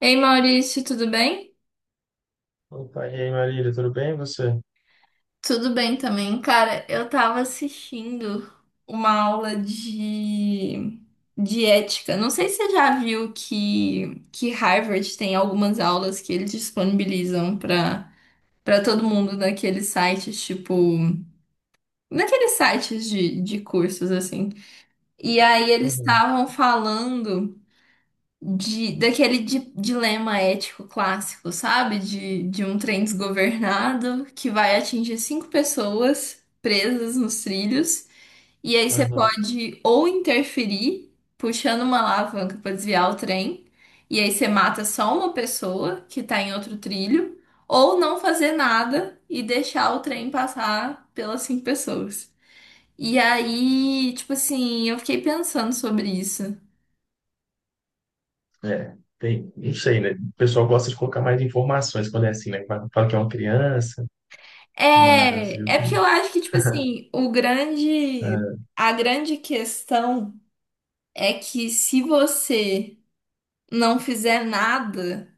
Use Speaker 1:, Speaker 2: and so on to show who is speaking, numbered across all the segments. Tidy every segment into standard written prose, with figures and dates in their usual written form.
Speaker 1: Ei Maurício, tudo bem?
Speaker 2: Opa, e aí, Marília, tudo bem? E você?
Speaker 1: Tudo bem também. Cara, eu tava assistindo uma aula de ética. Não sei se você já viu que Harvard tem algumas aulas que eles disponibilizam para todo mundo naqueles sites, tipo, naqueles sites de cursos, assim. E aí eles
Speaker 2: Uhum.
Speaker 1: estavam falando de, daquele dilema ético clássico, sabe? De um trem desgovernado que vai atingir cinco pessoas presas nos trilhos, e aí você
Speaker 2: Uhum.
Speaker 1: pode ou interferir puxando uma alavanca para desviar o trem, e aí você mata só uma pessoa que tá em outro trilho, ou não fazer nada e deixar o trem passar pelas cinco pessoas. E aí, tipo assim, eu fiquei pensando sobre isso.
Speaker 2: É, tem, não sei, né? O pessoal gosta de colocar mais informações quando é assim, né? Fala que é uma criança, mas eu-
Speaker 1: É, é porque eu acho que, tipo assim,
Speaker 2: é.
Speaker 1: a grande questão é que, se você não fizer nada,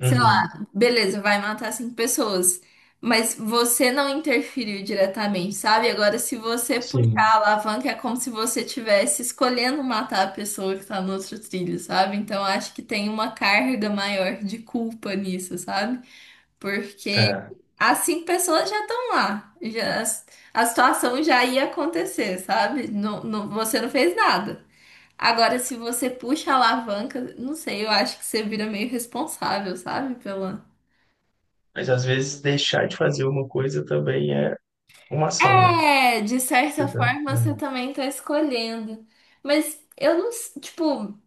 Speaker 1: sei
Speaker 2: Uhum.
Speaker 1: lá, beleza, vai matar cinco pessoas, mas você não interferiu diretamente, sabe? Agora, se você puxar a
Speaker 2: Sim.
Speaker 1: alavanca, é como se você estivesse escolhendo matar a pessoa que tá no outro trilho, sabe? Então, acho que tem uma carga maior de culpa nisso, sabe? Porque
Speaker 2: É.
Speaker 1: as cinco pessoas já estão lá. Já, a situação já ia acontecer, sabe? Você não fez nada. Agora, se você puxa a alavanca, não sei, eu acho que você vira meio responsável, sabe? Pela.
Speaker 2: Mas às vezes deixar de fazer uma coisa também é uma ação, né?
Speaker 1: É, de certa forma você
Speaker 2: Uhum.
Speaker 1: também tá escolhendo. Mas eu não, s- tipo,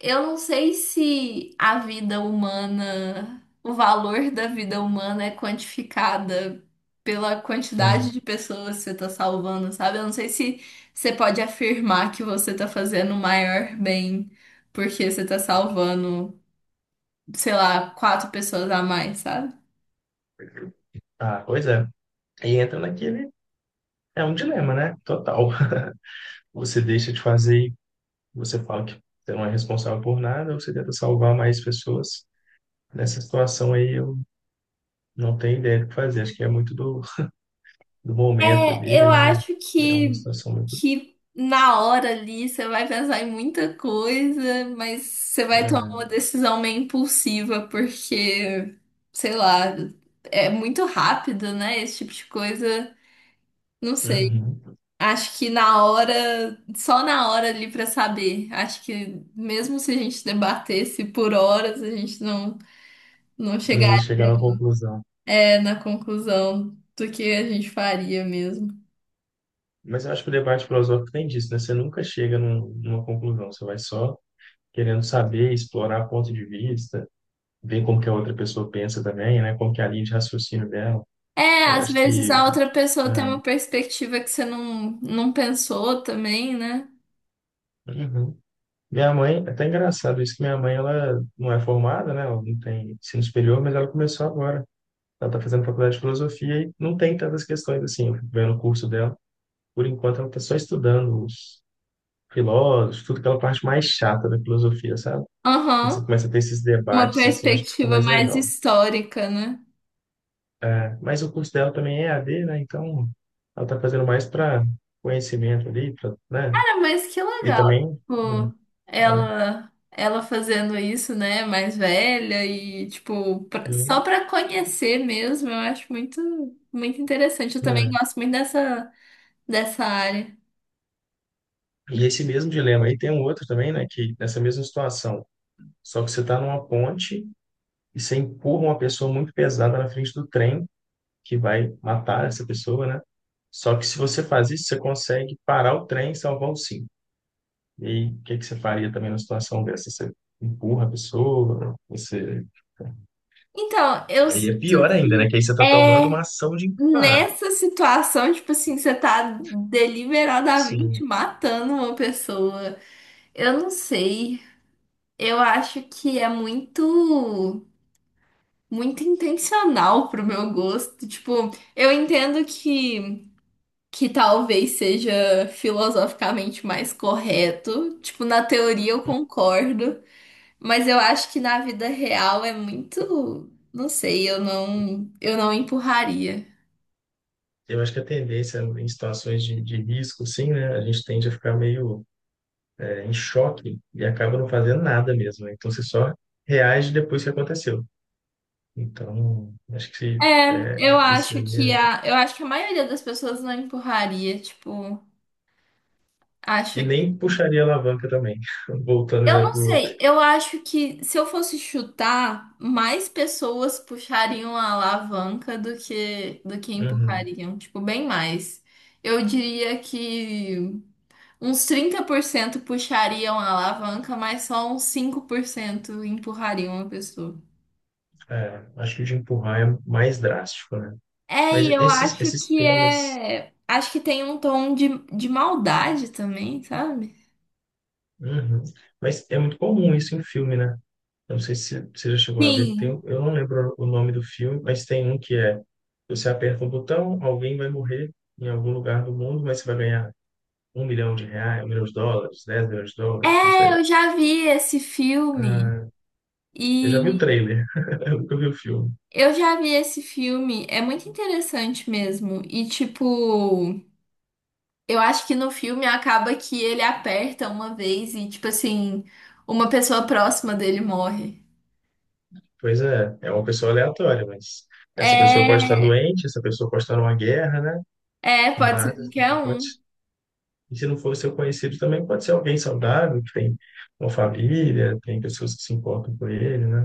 Speaker 1: eu não sei se a vida humana, o valor da vida humana é quantificada pela quantidade de
Speaker 2: Sim.
Speaker 1: pessoas que você tá salvando, sabe? Eu não sei se você pode afirmar que você tá fazendo o maior bem porque você tá salvando, sei lá, quatro pessoas a mais, sabe?
Speaker 2: Ah, pois é. Aí entra naquele. É um dilema, né? Total. Você deixa de fazer e você fala que você não é responsável por nada, você tenta salvar mais pessoas. Nessa situação aí, não tem ideia do que fazer. Acho que é muito do momento
Speaker 1: É,
Speaker 2: ali,
Speaker 1: eu
Speaker 2: né?
Speaker 1: acho
Speaker 2: É uma
Speaker 1: que,
Speaker 2: situação muito.
Speaker 1: que na hora ali você vai pensar em muita coisa, mas você vai tomar
Speaker 2: É.
Speaker 1: uma decisão meio impulsiva, porque, sei lá, é muito rápido, né? Esse tipo de coisa. Não sei.
Speaker 2: Uhum.
Speaker 1: Acho que só na hora ali pra saber. Acho que mesmo se a gente debatesse por horas, a gente não
Speaker 2: Não ia
Speaker 1: chegaria,
Speaker 2: chegar na conclusão.
Speaker 1: na conclusão do que a gente faria mesmo.
Speaker 2: Mas eu acho que o debate filosófico tem disso, né? Você nunca chega numa conclusão, você vai só querendo saber, explorar ponto de vista, ver como que a outra pessoa pensa também, né? Como que é a linha de raciocínio dela.
Speaker 1: É,
Speaker 2: Eu
Speaker 1: às
Speaker 2: acho
Speaker 1: vezes
Speaker 2: que.
Speaker 1: a outra pessoa
Speaker 2: É.
Speaker 1: tem uma perspectiva que você não pensou também, né?
Speaker 2: Uhum. Minha mãe, é até engraçado isso que minha mãe, ela não é formada, né? Ela não tem ensino superior, mas ela começou agora. Ela está fazendo faculdade de filosofia e não tem tantas questões assim. Eu fico vendo o curso dela. Por enquanto, ela está só estudando os filósofos, tudo aquela parte mais chata da filosofia, sabe? Quando
Speaker 1: Aham.
Speaker 2: você começa a ter esses
Speaker 1: Uma
Speaker 2: debates, assim, acho que fica
Speaker 1: perspectiva
Speaker 2: mais
Speaker 1: mais
Speaker 2: legal.
Speaker 1: histórica, né?
Speaker 2: Né? Mas o curso dela também é EAD, né? Então, ela está fazendo mais para conhecimento ali, pra, né?
Speaker 1: Cara, mas que
Speaker 2: E
Speaker 1: legal.
Speaker 2: também, né?
Speaker 1: Tipo, ela fazendo isso, né? Mais velha e, tipo, só pra conhecer mesmo, eu acho muito, muito interessante. Eu também
Speaker 2: Né?
Speaker 1: gosto muito dessa área.
Speaker 2: E esse mesmo dilema aí tem um outro também, né? Que nessa mesma situação, só que você está numa ponte e você empurra uma pessoa muito pesada na frente do trem que vai matar essa pessoa, né? Só que se você faz isso, você consegue parar o trem e salvar os cinco. E o que que você faria também numa situação dessa? Você empurra a pessoa, você...
Speaker 1: Então, eu
Speaker 2: Aí é
Speaker 1: sinto
Speaker 2: pior ainda, né?
Speaker 1: que.
Speaker 2: Que aí você está tomando uma
Speaker 1: É.
Speaker 2: ação de empurrar.
Speaker 1: Nessa situação, tipo assim, você tá deliberadamente
Speaker 2: Sim.
Speaker 1: matando uma pessoa. Eu não sei. Eu acho que é muito, muito intencional pro meu gosto. Tipo, eu entendo que talvez seja filosoficamente mais correto. Tipo, na teoria eu concordo, mas eu acho que na vida real é muito, não sei, eu não empurraria.
Speaker 2: Eu acho que a tendência em situações de risco, sim, né? A gente tende a ficar meio é, em choque e acaba não fazendo nada mesmo, né? Então você só reage depois que aconteceu. Então, acho que
Speaker 1: É,
Speaker 2: é,
Speaker 1: eu
Speaker 2: isso
Speaker 1: acho
Speaker 2: aí
Speaker 1: que
Speaker 2: é
Speaker 1: a, eu acho que a maioria das pessoas não empurraria, tipo, acho
Speaker 2: E
Speaker 1: que.
Speaker 2: nem puxaria a alavanca também, voltando
Speaker 1: Eu
Speaker 2: já
Speaker 1: não
Speaker 2: para o outro.
Speaker 1: sei, eu acho que, se eu fosse chutar, mais pessoas puxariam a alavanca do que
Speaker 2: Uhum.
Speaker 1: empurrariam, tipo, bem mais. Eu diria que uns 30% puxariam a alavanca, mas só uns 5% empurrariam a pessoa.
Speaker 2: É, acho que o de empurrar é mais drástico, né?
Speaker 1: É,
Speaker 2: Mas
Speaker 1: e eu
Speaker 2: esses,
Speaker 1: acho
Speaker 2: esses
Speaker 1: que
Speaker 2: temas.
Speaker 1: é, acho que tem um tom de, maldade também, sabe?
Speaker 2: Uhum. Mas é muito comum isso em filme, né? Eu não sei se você já chegou a ver.
Speaker 1: Sim,
Speaker 2: Eu não lembro o nome do filme, mas tem um que é: você aperta um botão, alguém vai morrer em algum lugar do mundo, mas você vai ganhar R$ 1 milhão, US$ 1 milhão, US$ 10 milhões, não
Speaker 1: é,
Speaker 2: sei.
Speaker 1: eu já vi esse filme
Speaker 2: Ah, eu já vi o
Speaker 1: e
Speaker 2: trailer, eu nunca vi o filme.
Speaker 1: eu já vi esse filme, é muito interessante mesmo. E tipo, eu acho que no filme acaba que ele aperta uma vez e, tipo assim, uma pessoa próxima dele morre.
Speaker 2: Pois é, é uma pessoa aleatória, mas essa pessoa pode estar
Speaker 1: É,
Speaker 2: doente, essa pessoa pode estar numa guerra, né?
Speaker 1: é, pode ser
Speaker 2: Mas essa
Speaker 1: qualquer
Speaker 2: pessoa pode,
Speaker 1: um.
Speaker 2: e se não for seu conhecido, também pode ser alguém saudável, que tem uma família, tem pessoas que se importam com ele, né?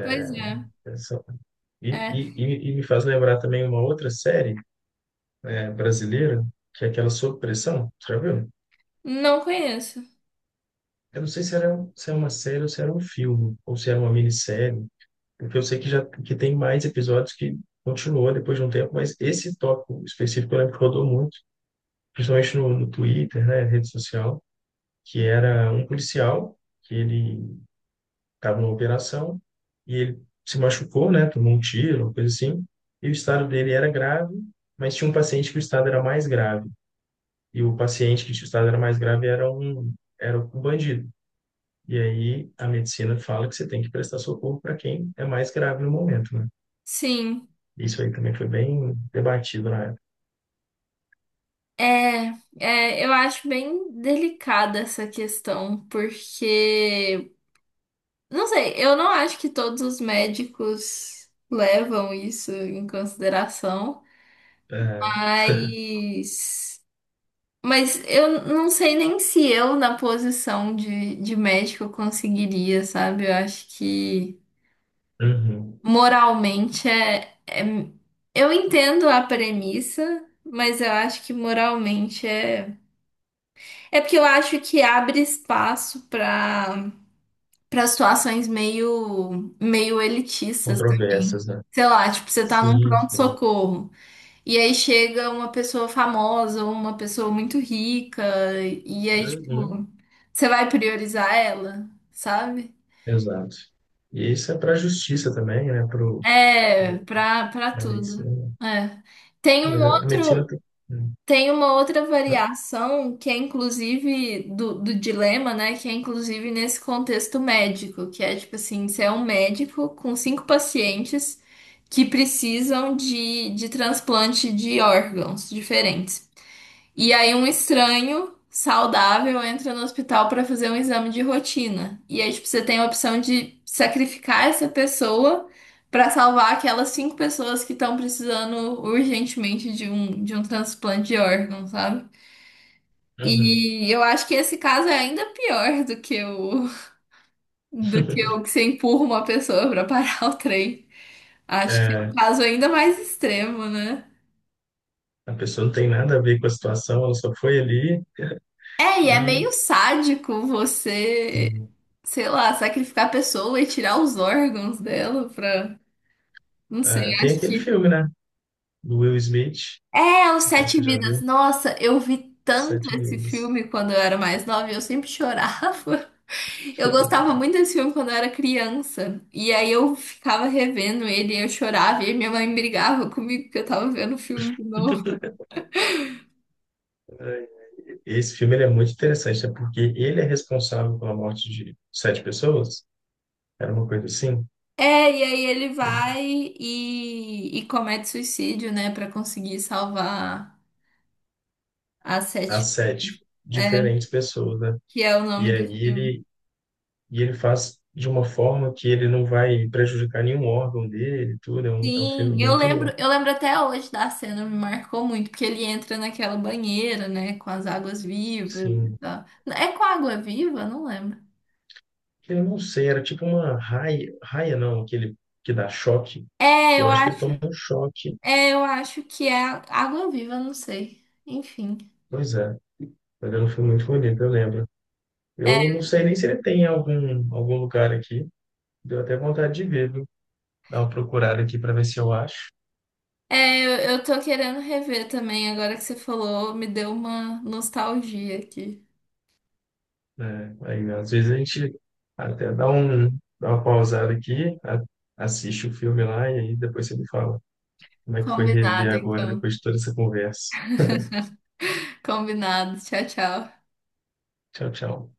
Speaker 1: Pois é,
Speaker 2: Essa- E,
Speaker 1: é.
Speaker 2: e, e e me faz lembrar também uma outra série brasileira, que é aquela Sob Pressão, você já viu?
Speaker 1: Não conheço.
Speaker 2: Eu não sei se era, se é uma série ou se era um filme, ou se era uma minissérie, porque eu sei que já que tem mais episódios que continuou depois de um tempo, mas esse tópico específico eu lembro que rodou muito, principalmente no Twitter, né, rede social, que era um policial que ele estava numa operação e ele se machucou, né, tomou um tiro, uma coisa assim, e o estado dele era grave, mas tinha um paciente que o estado era mais grave, e o paciente que o estado era mais grave era um bandido. E aí a medicina fala que você tem que prestar socorro para quem é mais grave no momento, né?
Speaker 1: Sim.
Speaker 2: Isso aí também foi bem debatido na época.
Speaker 1: É, é, eu acho bem delicada essa questão, porque não sei, eu não acho que todos os médicos levam isso em consideração,
Speaker 2: É.
Speaker 1: mas, mas eu não sei nem se eu, na posição de médico, conseguiria, sabe? Eu acho que
Speaker 2: Uhum.
Speaker 1: moralmente é, é. Eu entendo a premissa, mas eu acho que moralmente é. É porque eu acho que abre espaço para situações meio, meio elitistas.
Speaker 2: Controvérsias, né?
Speaker 1: Sei lá, tipo, você tá num
Speaker 2: Sim, sim.
Speaker 1: pronto-socorro. E aí chega uma pessoa famosa, ou uma pessoa muito rica, e aí, tipo,
Speaker 2: Uhum.
Speaker 1: você vai priorizar ela, sabe?
Speaker 2: Exato. E isso é para a justiça também, né? Para
Speaker 1: É, pra
Speaker 2: a
Speaker 1: tudo.
Speaker 2: medicina.
Speaker 1: É. Tem um
Speaker 2: Mas a medicina
Speaker 1: outro.
Speaker 2: tem.
Speaker 1: Tem uma outra variação que é inclusive do, dilema, né? Que é inclusive nesse contexto médico, que é tipo assim, você é um médico com cinco pacientes que precisam de transplante de órgãos diferentes. E aí um estranho saudável entra no hospital para fazer um exame de rotina. E aí, tipo, você tem a opção de sacrificar essa pessoa para salvar aquelas cinco pessoas que estão precisando urgentemente de um transplante de órgão, sabe?
Speaker 2: Uhum.
Speaker 1: E eu acho que esse caso é ainda pior do que o que você empurra uma pessoa para parar o trem. Acho que é um
Speaker 2: É,
Speaker 1: caso ainda mais extremo, né?
Speaker 2: a pessoa não tem nada a ver com a situação, ela só foi ali
Speaker 1: É, e é
Speaker 2: e
Speaker 1: meio sádico você,
Speaker 2: Sim.
Speaker 1: sei lá, sacrificar a pessoa e tirar os órgãos dela pra. Não sei,
Speaker 2: É, tem
Speaker 1: acho
Speaker 2: aquele
Speaker 1: que.
Speaker 2: filme, né? Do Will Smith,
Speaker 1: É, Os
Speaker 2: não sei se
Speaker 1: Sete
Speaker 2: você já
Speaker 1: Vidas.
Speaker 2: viu,
Speaker 1: Nossa, eu vi tanto
Speaker 2: Sete
Speaker 1: esse
Speaker 2: Vidas.
Speaker 1: filme quando eu era mais nova e eu sempre chorava. Eu gostava muito desse filme quando eu era criança. E aí eu ficava revendo ele e eu chorava. E aí minha mãe brigava comigo que eu tava vendo o filme de novo.
Speaker 2: Esse filme ele é muito interessante, né? Porque ele é responsável pela morte de sete pessoas. Era uma coisa assim,
Speaker 1: É, e aí ele vai e comete suicídio, né, pra conseguir salvar. As
Speaker 2: as
Speaker 1: sete,
Speaker 2: sete
Speaker 1: é,
Speaker 2: diferentes pessoas, né?
Speaker 1: que é o nome
Speaker 2: E
Speaker 1: do
Speaker 2: aí
Speaker 1: filme.
Speaker 2: ele e ele faz de uma forma que ele não vai prejudicar nenhum órgão dele, e tudo. É um filme
Speaker 1: Sim, eu
Speaker 2: muito,
Speaker 1: lembro, eu lembro até hoje da cena, me marcou muito, porque ele entra naquela banheira, né, com as águas vivas e
Speaker 2: assim,
Speaker 1: tal. É com água viva? Não lembro.
Speaker 2: que eu não sei, era tipo uma raia, raia não, aquele que dá choque.
Speaker 1: É, eu
Speaker 2: Eu acho que ele
Speaker 1: acho,
Speaker 2: toma um choque.
Speaker 1: é, eu acho que é água viva, não sei. Enfim.
Speaker 2: Pois é, mas era um filme muito bonito, eu lembro.
Speaker 1: É,
Speaker 2: Eu não sei nem se ele tem algum lugar aqui. Deu até vontade de ver, viu? Dar uma procurada aqui para ver se eu acho.
Speaker 1: é, eu tô querendo rever também, agora que você falou, me deu uma nostalgia aqui.
Speaker 2: Né? Aí, às vezes a gente até dá uma pausada aqui, assiste o filme lá e aí depois você me fala como é que foi rever
Speaker 1: Combinado,
Speaker 2: agora
Speaker 1: então.
Speaker 2: depois de toda essa conversa.
Speaker 1: Combinado. Tchau, tchau.
Speaker 2: Tchau, tchau.